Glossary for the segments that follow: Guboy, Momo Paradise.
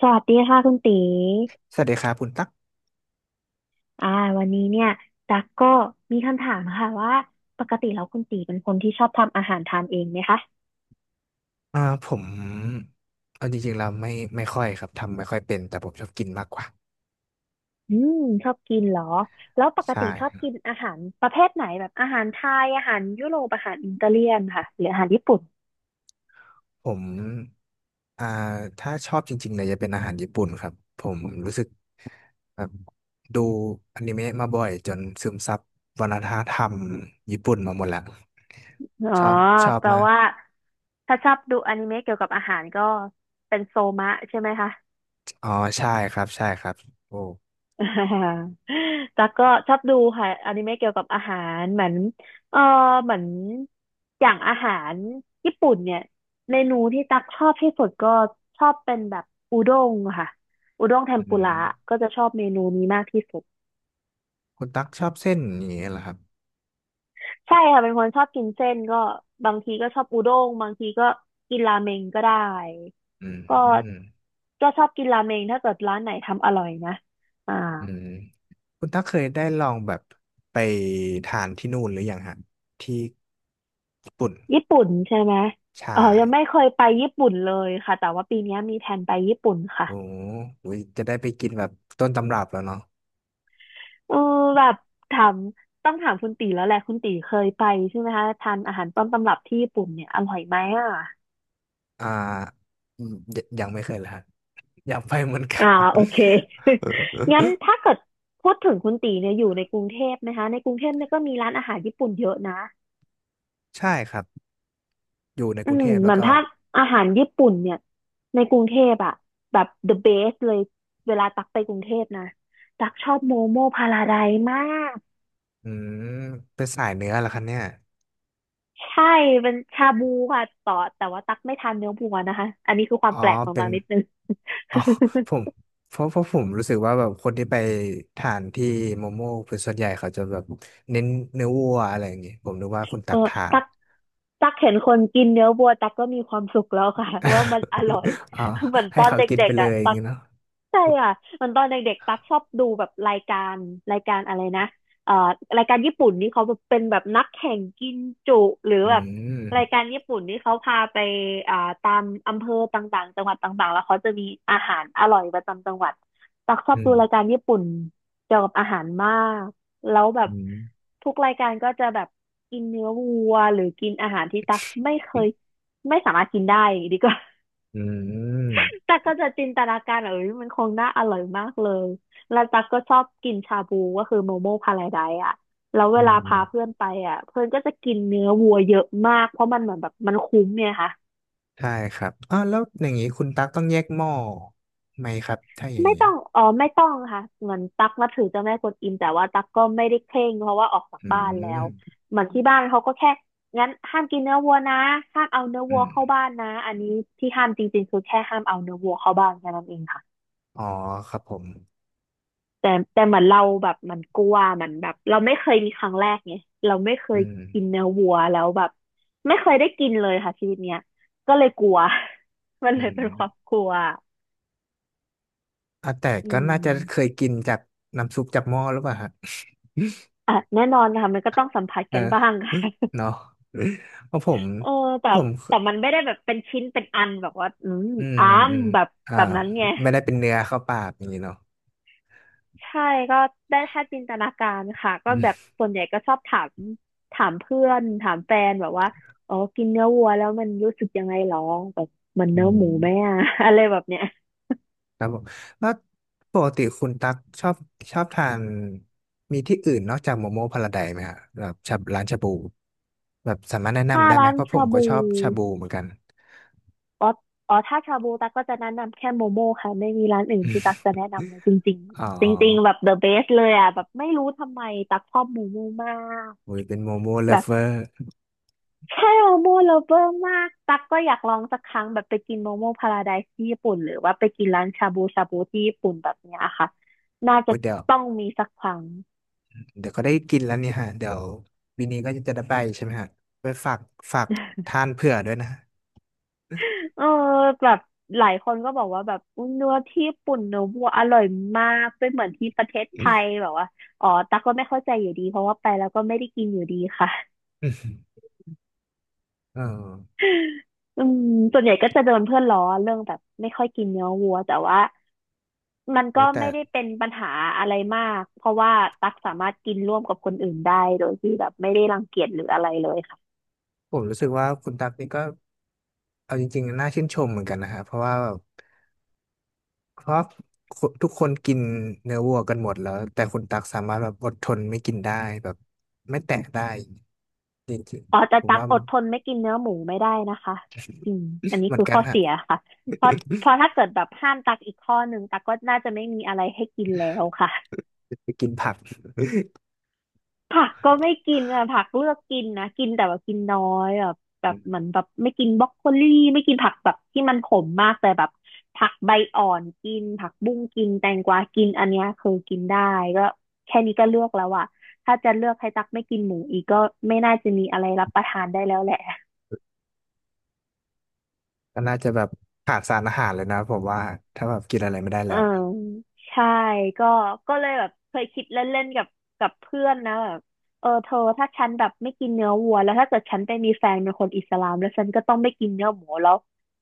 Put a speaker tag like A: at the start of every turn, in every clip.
A: สวัสดีค่ะคุณตี
B: สวัสดีครับคุณตั๊ก
A: อ่าวันนี้เนี่ยตักก็มีคำถามค่ะว่าปกติแล้วคุณตีเป็นคนที่ชอบทำอาหารทานเองไหมคะ
B: อ่าผมเอาจริงๆเราไม่ค่อยครับทำไม่ค่อยเป็นแต่ผมชอบกินมากกว่า
A: อืมชอบกินเหรอแล้วปก
B: ใช่
A: ติชอบกินอาหารประเภทไหนแบบอาหารไทยอาหารยุโรปอาหารอิตาเลียนค่ะหรืออาหารญี่ปุ่น
B: ผมอ่าถ้าชอบจริงๆเลยจะเป็นอาหารญี่ปุ่นครับผมรู้สึกแบบดูอนิเมะมาบ่อยจนซึมซับวัฒนธรรมญี่ปุ่นมาหมดแล้ว
A: อ๋อ
B: ชอบชอบ
A: แปล
B: มาก
A: ว่าถ้าชอบดูอนิเมะเกี่ยวกับอาหารก็เป็นโซมะใช่ไหมคะ
B: อ๋อใช่ครับใช่ครับโอ้
A: อ่าตั๊กก็ชอบดูค่ะอนิเมะเกี่ยวกับอาหารเหมือนเออเหมือนอย่างอาหารญี่ปุ่นเนี่ยเมนูที่ตั๊กชอบที่สุดก็ชอบเป็นแบบอุด้งค่ะอุด้งเท
B: อื
A: มปุ
B: ม
A: ระก็จะชอบเมนูนี้มากที่สุด
B: คุณตั๊กชอบเส้นอย่างนี้เหรอครับ
A: ใช่ค่ะเป็นคนชอบกินเส้นก็บางทีก็ชอบอุด้งบางทีก็กินราเมงก็ได้
B: อื
A: ก็
B: ม
A: ชอบกินราเมงถ้าเกิดร้านไหนทำอร่อยนะอ่า
B: อืม คุณตั๊กเคยได้ลองแบบไปทานที่นู่นหรือยังฮะที่ญี่ปุ่น
A: ญี่ปุ่นใช่ไหม
B: ใช่
A: เออยังไม่เคยไปญี่ปุ่นเลยค่ะแต่ว่าปีเนี้ยมีแผนไปญี่ปุ่นค่ะ
B: โอ้โหจะได้ไปกินแบบต้นตำรับแล้วเนาะ
A: เออแบบถามต้องถามคุณตีแล้วแหละคุณตีเคยไปใช่ไหมคะทานอาหารต้นตำรับที่ญี่ปุ่นเนี่ยอร่อยไหมอ่ะ
B: อ่าอืมยยังไม่เคยเลยฮะอยากไปเหมือนกั
A: อ่า
B: น
A: โอเค งั้น ถ้าเกิดพูดถึงคุณตีเนี่ยอยู่ในกรุงเทพนะคะในกรุงเทพเนี่ยก็มีร้านอาหารญี่ปุ่นเยอะนะ
B: ใช่ครับอยู่ใน
A: อื
B: กรุง
A: ม
B: เทพ
A: เห
B: แล้
A: มื
B: ว
A: อน
B: ก็
A: ถ้าอาหารญี่ปุ่นเนี่ยในกรุงเทพอะแบบ the best เลยเวลาตักไปกรุงเทพนะตักชอบโมโมพาราไดซ์มาก
B: อืมเป็นสายเนื้อเหรอคะเนี่ย
A: ใช่เป็นชาบูค่ะต่อแต่ว่าตักไม่ทานเนื้อวัวนะคะ อันนี้คือควา
B: อ๋
A: ม
B: อ
A: แปลกของ
B: เป็
A: ตั
B: น
A: กนิดนึง
B: อ๋อผมเพราะผมรู้สึกว่าแบบคนที่ไปทานที่โมโม่เป็นส่วนใหญ่เขาจะแบบเน้นเนื้อวัวอะไรอย่างงี้ผมนึกว่าคุณ
A: เอ
B: ตั
A: อ
B: กทาน
A: ตักตักเห็นคนกินเนื้อวัวตักก็มีความสุขแล้วค่ะ ว่ามันอร่อย
B: อ๋อ
A: เหมือน
B: ให้
A: ตอน
B: เขา
A: เด
B: กิน
A: ็
B: ไป
A: กๆ
B: เล
A: อ่ะ
B: ยอย่า
A: ตั
B: ง
A: ก
B: งี้เนาะ
A: ใช่อ่ะเหมันตอนเด็กๆตักชอบดูแบบรายการรายการอะไรนะเอ่อรายการญี่ปุ่นนี่เขาเป็นแบบนักแข่งกินจุหรือ
B: อื
A: แบบราย
B: ม
A: การญี่ปุ่นนี่เขาพาไปอ่าตามอำเภอต่างๆจังหวัดต่างๆแล้วเขาจะมีอาหารอร่อยประจำจังหวัดตักชอ
B: อื
A: บ
B: ม
A: ดูรายการญี่ปุ่นเกี่ยวกับอาหารมาก แล้วแบบ
B: อืม
A: ทุกรายการก็จะแบบกินเนื้อวัวหรือกินอาหารที่ตักไม่เคย
B: อ
A: ไม่สามารถกินได้ดีกว่า
B: ืม
A: ตักก็จะจินตนาการเออ มันคงน่าอร่อยมากเลยแล้วตักก็ชอบกินชาบูก็คือโมโมพาราไดซ์อ่ะแล้วเว
B: อื
A: ลาพาเพื่
B: ม
A: อนไปอ่ะเพื่อนก็จะกินเนื้อวัวเยอะมากเพราะมันเหมือนแบบมันคุ้มเนี่ยค่ะ
B: ใช่ครับอ๋อแล้วอย่างงี้คุณตักต้องแยกหม้อไหมครับถ้าอย่าง
A: ไม่
B: งี้
A: ต้องอ๋อไม่ต้องค่ะเหมือนตักนับถือเจ้าแม่กวนอิมแต่ว่าตักก็ไม่ได้เคร่งเพราะว่าออกจาก
B: อื
A: บ้านแล้ว
B: ม
A: เหมือนที่บ้านเขาก็แค่งั้นห้ามกินเนื้อวัวนะห้ามเอาเนื้อ
B: อื
A: วัวเข้า
B: ม
A: บ้านนะอันนี้ที่ห้ามจริงๆคือแค่ห้ามเอาเนื้อวัวเข้าบ้านแค่นั้นเองค่ะ
B: อ๋อครับผม
A: แต่เหมือนเราแบบมันกลัวมันแบบเราไม่เคยมีครั้งแรกไงเราไม่เคย
B: อืม
A: กินเนื้อวัวแล้วแบบไม่เคยได้กินเลยค่ะชีวิตเนี้ยก็เลยกลัว มัน
B: อื
A: เลยเป็นความ
B: ม
A: กลัว
B: อ่ะแต่
A: อื
B: ก็น่าจะเคย
A: ม
B: กินจากน้ำซุปจากหม้อหรือเปล่าฮะ
A: อ่ะแน่นอนค่ะมันก็ต้องสัมผัส
B: เออ
A: กันบ้างค่ะ
B: เนาะเพราะผม
A: เออแต่
B: ผม
A: มันไม่ได้แบบเป็นชิ้นเป็นอันแบบว่าอืม
B: อืม
A: อัน
B: อืม
A: แบบ
B: อ่า
A: แบบนั้นไง
B: ไม่ได้เป็นเนื้อเข้าปากอย่างนี้เนาะ
A: ใช่ก็ได้แค่จินตนาการค่ะก็
B: อื
A: แบบ
B: ม
A: ส่วนใหญ่ก็ชอบถามถามเพื่อนถามแฟนแบบว่าอ๋อกินเนื้อวัวแล้วมันรู้สึกยังไงหรอแบบมัน
B: อื
A: เนื้อหมูไหม
B: ม
A: อะ อะไรแบบเนี้ย
B: ครับผมแล้วปกติคุณตักชอบชอบทานมีที่อื่นนอกจากโมโมพาราไดซ์ไหมฮะแบบชาร้านชาบูแบบสามารถแนะ
A: ถ้า
B: นำได้ไหม
A: ร้าน
B: เพราะผ
A: ชา
B: มก็
A: บู
B: ชอบชาบูเหมือนกัน
A: อ๋ออ๋อถ้าชาบูตั๊กก็จะแนะนำแค่โมโม่ค่ะไม่มีร้านอื่นที่ตั๊กจะแนะนำเลยจริง
B: อ๋อ
A: ๆจริงๆแบบ the best เลยอ่ะแบบไม่รู้ทำไมตั๊กชอบโมโม่มาก
B: โอ้ยเป็นโมโมเลิ
A: แบ
B: ฟ
A: บ
B: เวอร์
A: ใช่โมโม่ลเวอร์มากตักก็อยากลองสักครั้งแบบไปกินโมโมพาราไดซ์ที่ญี่ปุ่นหรือว่าไปกินร้านชาบูชาบูที่ญี่ปุ่นแบบเนี้ยค่ะน่าจะ
B: โอ้ยเดี๋ยว
A: ต้องมีสักครั้ง
B: เดี๋ยวก็ได้กินแล้วเนี่ยฮะเดี๋ยววินนี้ก็จะได้ไปใช่ไหมฮะไปฝาก ทานเผื่อด้วยนะฮะ
A: เออแบบหลายคนก็บอกว่าแบบอุ๊ยเนื้อที่ญี่ปุ่นเนื้อวัวอร่อยมากไม่เหมือนที่ประเทศไทยแบบว่าอ๋อตักก็ไม่เข้าใจอยู่ดีเพราะว่าไปแล้วก็ไม่ได้กินอยู่ดีค่ะ
B: อืมเออ
A: อืมส่วนใหญ่ก็จะโดนเพื่อนล้อเรื่องแบบไม่ค่อยกินเนื้อวัวแต่ว่า มัน
B: โอ้
A: ก็
B: แต่
A: ไม่ได้เป็นปัญหาอะไรมากเพราะว่าตักสามารถกินร่วมกับคนอื่นได้โดยที่แบบไม่ได้รังเกียจหรืออะไรเลยค่ะ
B: ผมรู้สึกว่าคุณตั๊กนี่ก็เอาจริงๆน่าชื่นชมเหมือนกันนะฮะเพราะว่าแบบเพราะคนทุกคนกินเนื้อวัวกันหมดแล้วแต่คุณตั๊กสามารถแบบอดทนไม่กินได้แบบไม่แตะได้จริง
A: อ๋อแต่
B: ๆผม
A: ตัก
B: ว่า
A: อ
B: มัน
A: ดทนไม่กินเนื้อหมูไม่ได้นะคะอืมอัน นี้
B: เหมือน
A: คือ
B: กัน
A: ข้อ
B: ฮะ
A: เสียค่ะเพราะเพ ราะถ้าเกิดแบบห้ามตักอีกข้อหนึ่งตักก็น่าจะไม่มีอะไรให้กินแล้วค่ะ
B: ไปกินผัก
A: ผักก็ไม่กินอะผักเลือกกินนะกินแต่ว่ากินน้อยแบบเหมือนแบบไม่กินบรอกโคลี่ไม่กินผักแบบที่มันขมมากแต่แบบผักใบอ่อนกินผักบุ้งกินแตงกวากินอันเนี้ยคือกินได้ก็แค่นี้ก็เลือกแล้วอะถ้าจะเลือกให้ตักไม่กินหมูอีกก็ไม่น่าจะมีอะไรรับประทานได้แล้วแหละ
B: ก็น่าจะแบบขาดสารอาหารเลยนะผมว่าถ้าแบบกินอะไรไม่ได้แล้
A: อ่า
B: ว
A: ใช่ก็ก็เลยแบบเคยคิดเล่นๆกับเพื่อนนะแบบเออเธอถ้าฉันแบบไม่กินเนื้อวัวแล้วถ้าเกิดฉันไปมีแฟนเป็นคนอิสลามแล้วฉันก็ต้องไม่กินเนื้อหมูแล้ว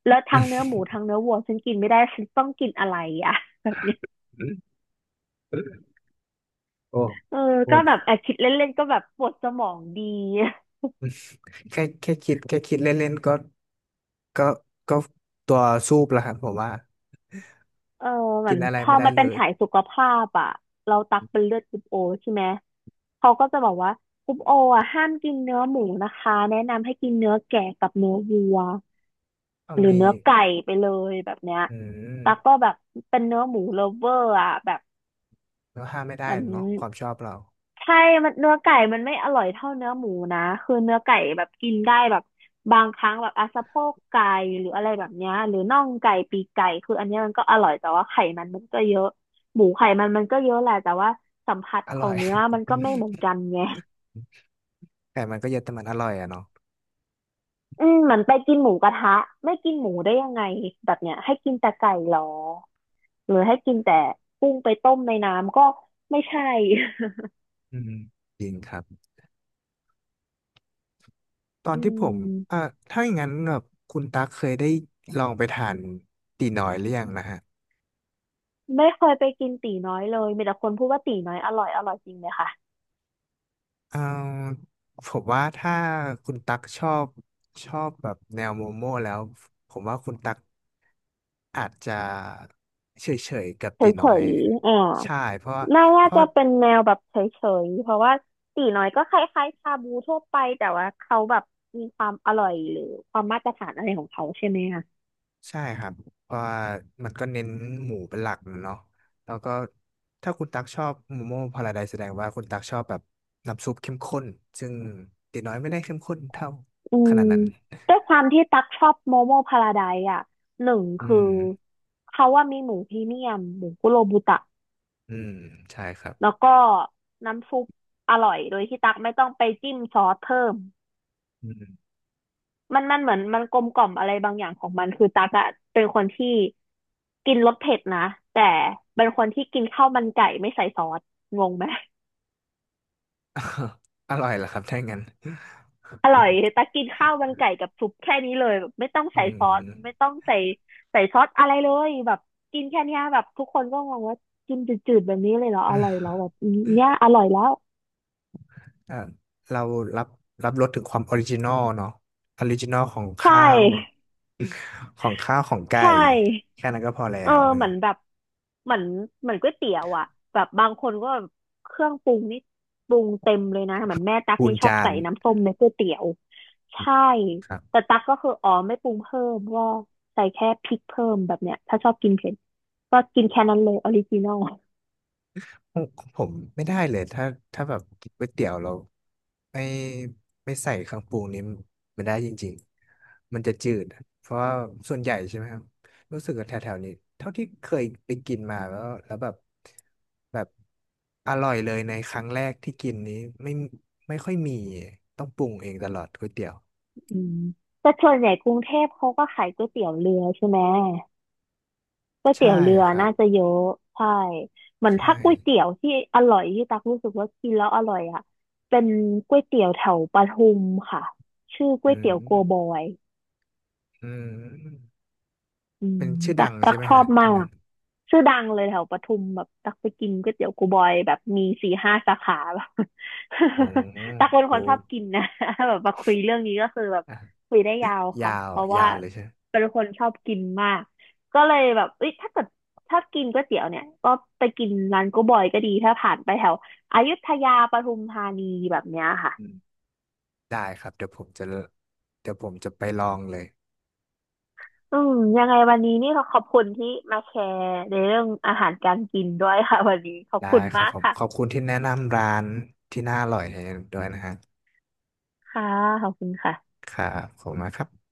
A: แล้วทั้งเนื้อหมูทั้งเนื้อวัวฉันกินไม่ได้ฉันต้องกินอะไรอ่ะแบบเนี้ย
B: โอ้
A: เออ
B: โอ้
A: ก็แบบแอบคิดเล่นๆก็แบบปวดสมองดี
B: แค่คิดคิดเล่นๆก็ก็ก็ตัวซูบแล้วครับผมว่า
A: เออเหมื
B: กิ
A: อ
B: น
A: น
B: อะไร
A: พอ
B: ไม่ได้
A: มัน
B: เล
A: เป็น
B: ย
A: ฉายสุขภาพอ่ะเราตักเป็นเลือดกรุ๊ปโอใช่ไหมเขาก็จะบอกว่ากรุ๊ปโออ่ะห้ามกินเนื้อหมูนะคะแนะนำให้กินเนื้อแกะกับเนื้อวัว
B: เอา
A: หรือ
B: มี
A: เนื้อไก่ไปเลยแบบเนี้ย
B: อืม
A: ตักก็แบบเป็นเนื้อหมูเล v ฟเวอร์อ่ะแบบ
B: แล้วห้ามไม่
A: เห
B: ได้
A: มัน
B: เนาะความชอบเรา
A: ใช่มันเนื้อไก่มันไม่อร่อยเท่าเนื้อหมูนะคือเนื้อไก่แบบกินได้แบบบางครั้งแบบอ่ะสะโพกไก่หรืออะไรแบบเนี้ยหรือน่องไก่ปีกไก่คืออันเนี้ยมันก็อร่อยแต่ว่าไขมันมันก็เยอะหมูไขมันมันก็เยอะแหละแต่ว่าสัมผัส
B: อ
A: ขอ
B: ร่อ
A: ง
B: ย
A: เนื้อมันก็ไม่เหมือนกันไง
B: แต่มันก็เยอะแต่มันอร่อยอะเนาะ
A: อืมเหมือนไปกินหมูกระทะไม่กินหมูได้ยังไงแบบเนี้ยให้กินแต่ไก่เหรอหรือให้กินแต่กุ้งไปต้มในน้ำก็ไม่ใช่
B: อืมจริงครับตอน
A: อื
B: ที่ผมอ่า
A: ม
B: ถ้าอย่างนั้นแบบคุณตั๊กเคยได้ลองไปทานตีน้อยหรือยังนะฮะ
A: ไม่เคยไปกินตี๋น้อยเลยมีแต่คนพูดว่าตี๋น้อยอร่อยอร่อยจริงไหมคะ
B: เอ่ผมว่าถ้าคุณตั๊กชอบแบบแนวโมโม่แล้วผมว่าคุณตั๊ก อาจจะเฉยๆกับ
A: เฉ
B: ตี
A: ยๆฉ
B: น้อย
A: อ่า
B: ใช่เพราะ
A: น่า
B: เพ
A: น่า
B: ราะ
A: จะเป็นแนวแบบเฉยๆเพราะว่าตี๋น้อยก็คล้ายๆชาบูทั่วไปแต่ว่าเขาแบบมีความอร่อยหรือความมาตรฐานอะไรของเขาใช่ไหมคะ
B: ใช่ครับเพราะว่ามันก็เน้นหมูเป็นหลักเนาะแล้วก็ถ้าคุณตักชอบโมโม่พาราไดซ์แสดงว่าคุณตักชอบแบบน้ำซุปเข้มข้นซึ่งตีน้อยไม่ได้เข้มข้นเท่า
A: อื
B: ข
A: ม
B: นาดนั้น
A: ด้วยความที่ตักชอบโมโมพาราไดซ์อ่ะหนึ่ง
B: อื
A: คือ
B: ม
A: เขาว่ามีหมูพรีเมียมหมูคุโรบุตะ
B: อืมใช่ครับ
A: แล้วก็น้ำซุปอร่อยโดยที่ตักไม่ต้องไปจิ้มซอสเพิ่ม
B: อืม
A: มันเหมือนมันกลมกล่อมอะไรบางอย่างของมันคือตักอะเป็นคนที่กินรสเผ็ดนะแต่เป็นคนที่กินข้าวมันไก่ไม่ใส่ซอสงงไหม
B: อร่อยเหรอครับถ้างั้น
A: อร่อยตักกินข้าวมันไก่กับซุปแค่นี้เลยแบบไม่ต้อง
B: อื
A: ใส่ซอส
B: ม
A: ไม่ต้องใส่ใส่ซอสอะไรเลยแบบกินแค่เนี้ยแบบทุกคนก็งงว่ากินจืดๆแบบนี้เลยเหรออร่อยแล้วแบบเนี้ยอร่อยแล้ว
B: อ่าเรารับรับรสถึงความออริจินอลเนาะออริจินอลของ
A: ใช่
B: ข้าวของข้าวของไก่
A: ใช่
B: แค่นั้นก็พอแล้
A: เออ
B: ว
A: เหมือนแบบเหมือนเหมือนก๋วยเตี๋ยวอ่ะแบบบางคนก็แบบเครื่องปรุงนี่ปรุงเต็มเลยนะเหมือนแม่ตั๊ก
B: คูณ
A: นี่ชอบ
B: จาน
A: ใส่น้ำส้มในก๋วยเตี๋ยวใช่
B: ครับ
A: แต่ตั๊กก็คืออ๋อไม่ปรุงเพิ่มก็ใส่แค่พริกเพิ่มแบบเนี้ยถ้าชอบกินเผ็ดก็กินแค่นั้นเลยออริจินอล
B: ผมผมไม่ได้เลยถ้าแบบกินก๋วยเตี๋ยวเราไม่ไม่ใส่เครื่องปรุงนี้มันได้จริงๆมันจะจืดเพราะว่าส่วนใหญ่ใช่ไหมครับรู้สึกว่าแถวๆนี้เท่าที่เคยไปกินมาแล้วแล้วแบบแบบอร่อยเลยในครั้งแรกที่กินนี้ไม่ไม่ค่อยมีต้องปรุงเองตลอดก๋วยเตี๋ยว
A: อืมแต่ส่วนใหญ่กรุงเทพเขาก็ขายก๋วยเตี๋ยวเรือใช่ไหม ก๋วยเตี๋
B: ใช่
A: ยวเรือ
B: ครับ
A: น่าจะเยอะใช่เหมือน
B: ใช่
A: ถ้าก๋วยเตี๋ยวที่อร่อยที่ตักรู้สึกว่ากินแล้วอร่อยอ่ะเป็นก๋วยเตี๋ยวแถวปทุมค่ะชื่อก๋
B: อื
A: วยเตี๋ยวโกบ
B: ม
A: อย
B: อืม
A: อืม
B: เป็นชื่อ
A: ตั
B: ดั
A: ก
B: ง
A: ตั
B: ใช่
A: ก
B: ไหม
A: ชอ
B: ฮะ
A: บมา
B: ที่นั่
A: ก
B: น
A: ชื่อดังเลยแถวปทุมแบบตักไปกินก๋วยเตี๋ยวกูบอยแบบมี4-5สาขาแบบ
B: โอ้
A: ตักเป็น
B: โห
A: คนชอบกินนะ แบบมาคุยเรื่องนี้ก็คือแบบคุยได้ยาว
B: ยา
A: ค่ะ
B: ว
A: เพราะ
B: ยา
A: ว่า
B: วเลยใช่ไหม
A: เป็นคนชอบกินมากก็เลยแบบเอ้ยถ้าเกิดชอบกินก๋วยเตี๋ยวเนี่ยก็ไปกินร้านกูบอยก็ดีถ้าผ่านไปแถวอยุธยาปทุมธานีแบบเนี้ยค่ะ
B: อืมได้ครับเดี๋ยวผมจะเดี๋ยวผมจะไปลองเลย
A: อืมยังไงวันนี้นี่เราขอบคุณที่มาแชร์ในเรื่องอาหารการกินด้วยค่ะ วันนี้ขอบ
B: ได้
A: คุณ
B: ครั
A: มา
B: บ
A: ก
B: ผม
A: ค่ะ
B: ขอบคุณที่แนะนำร้านที่น่าอร่อยให้ด้วยนะฮะ
A: ค่ะขอบคุณค่ะ
B: ครับขอบคุณมากครับ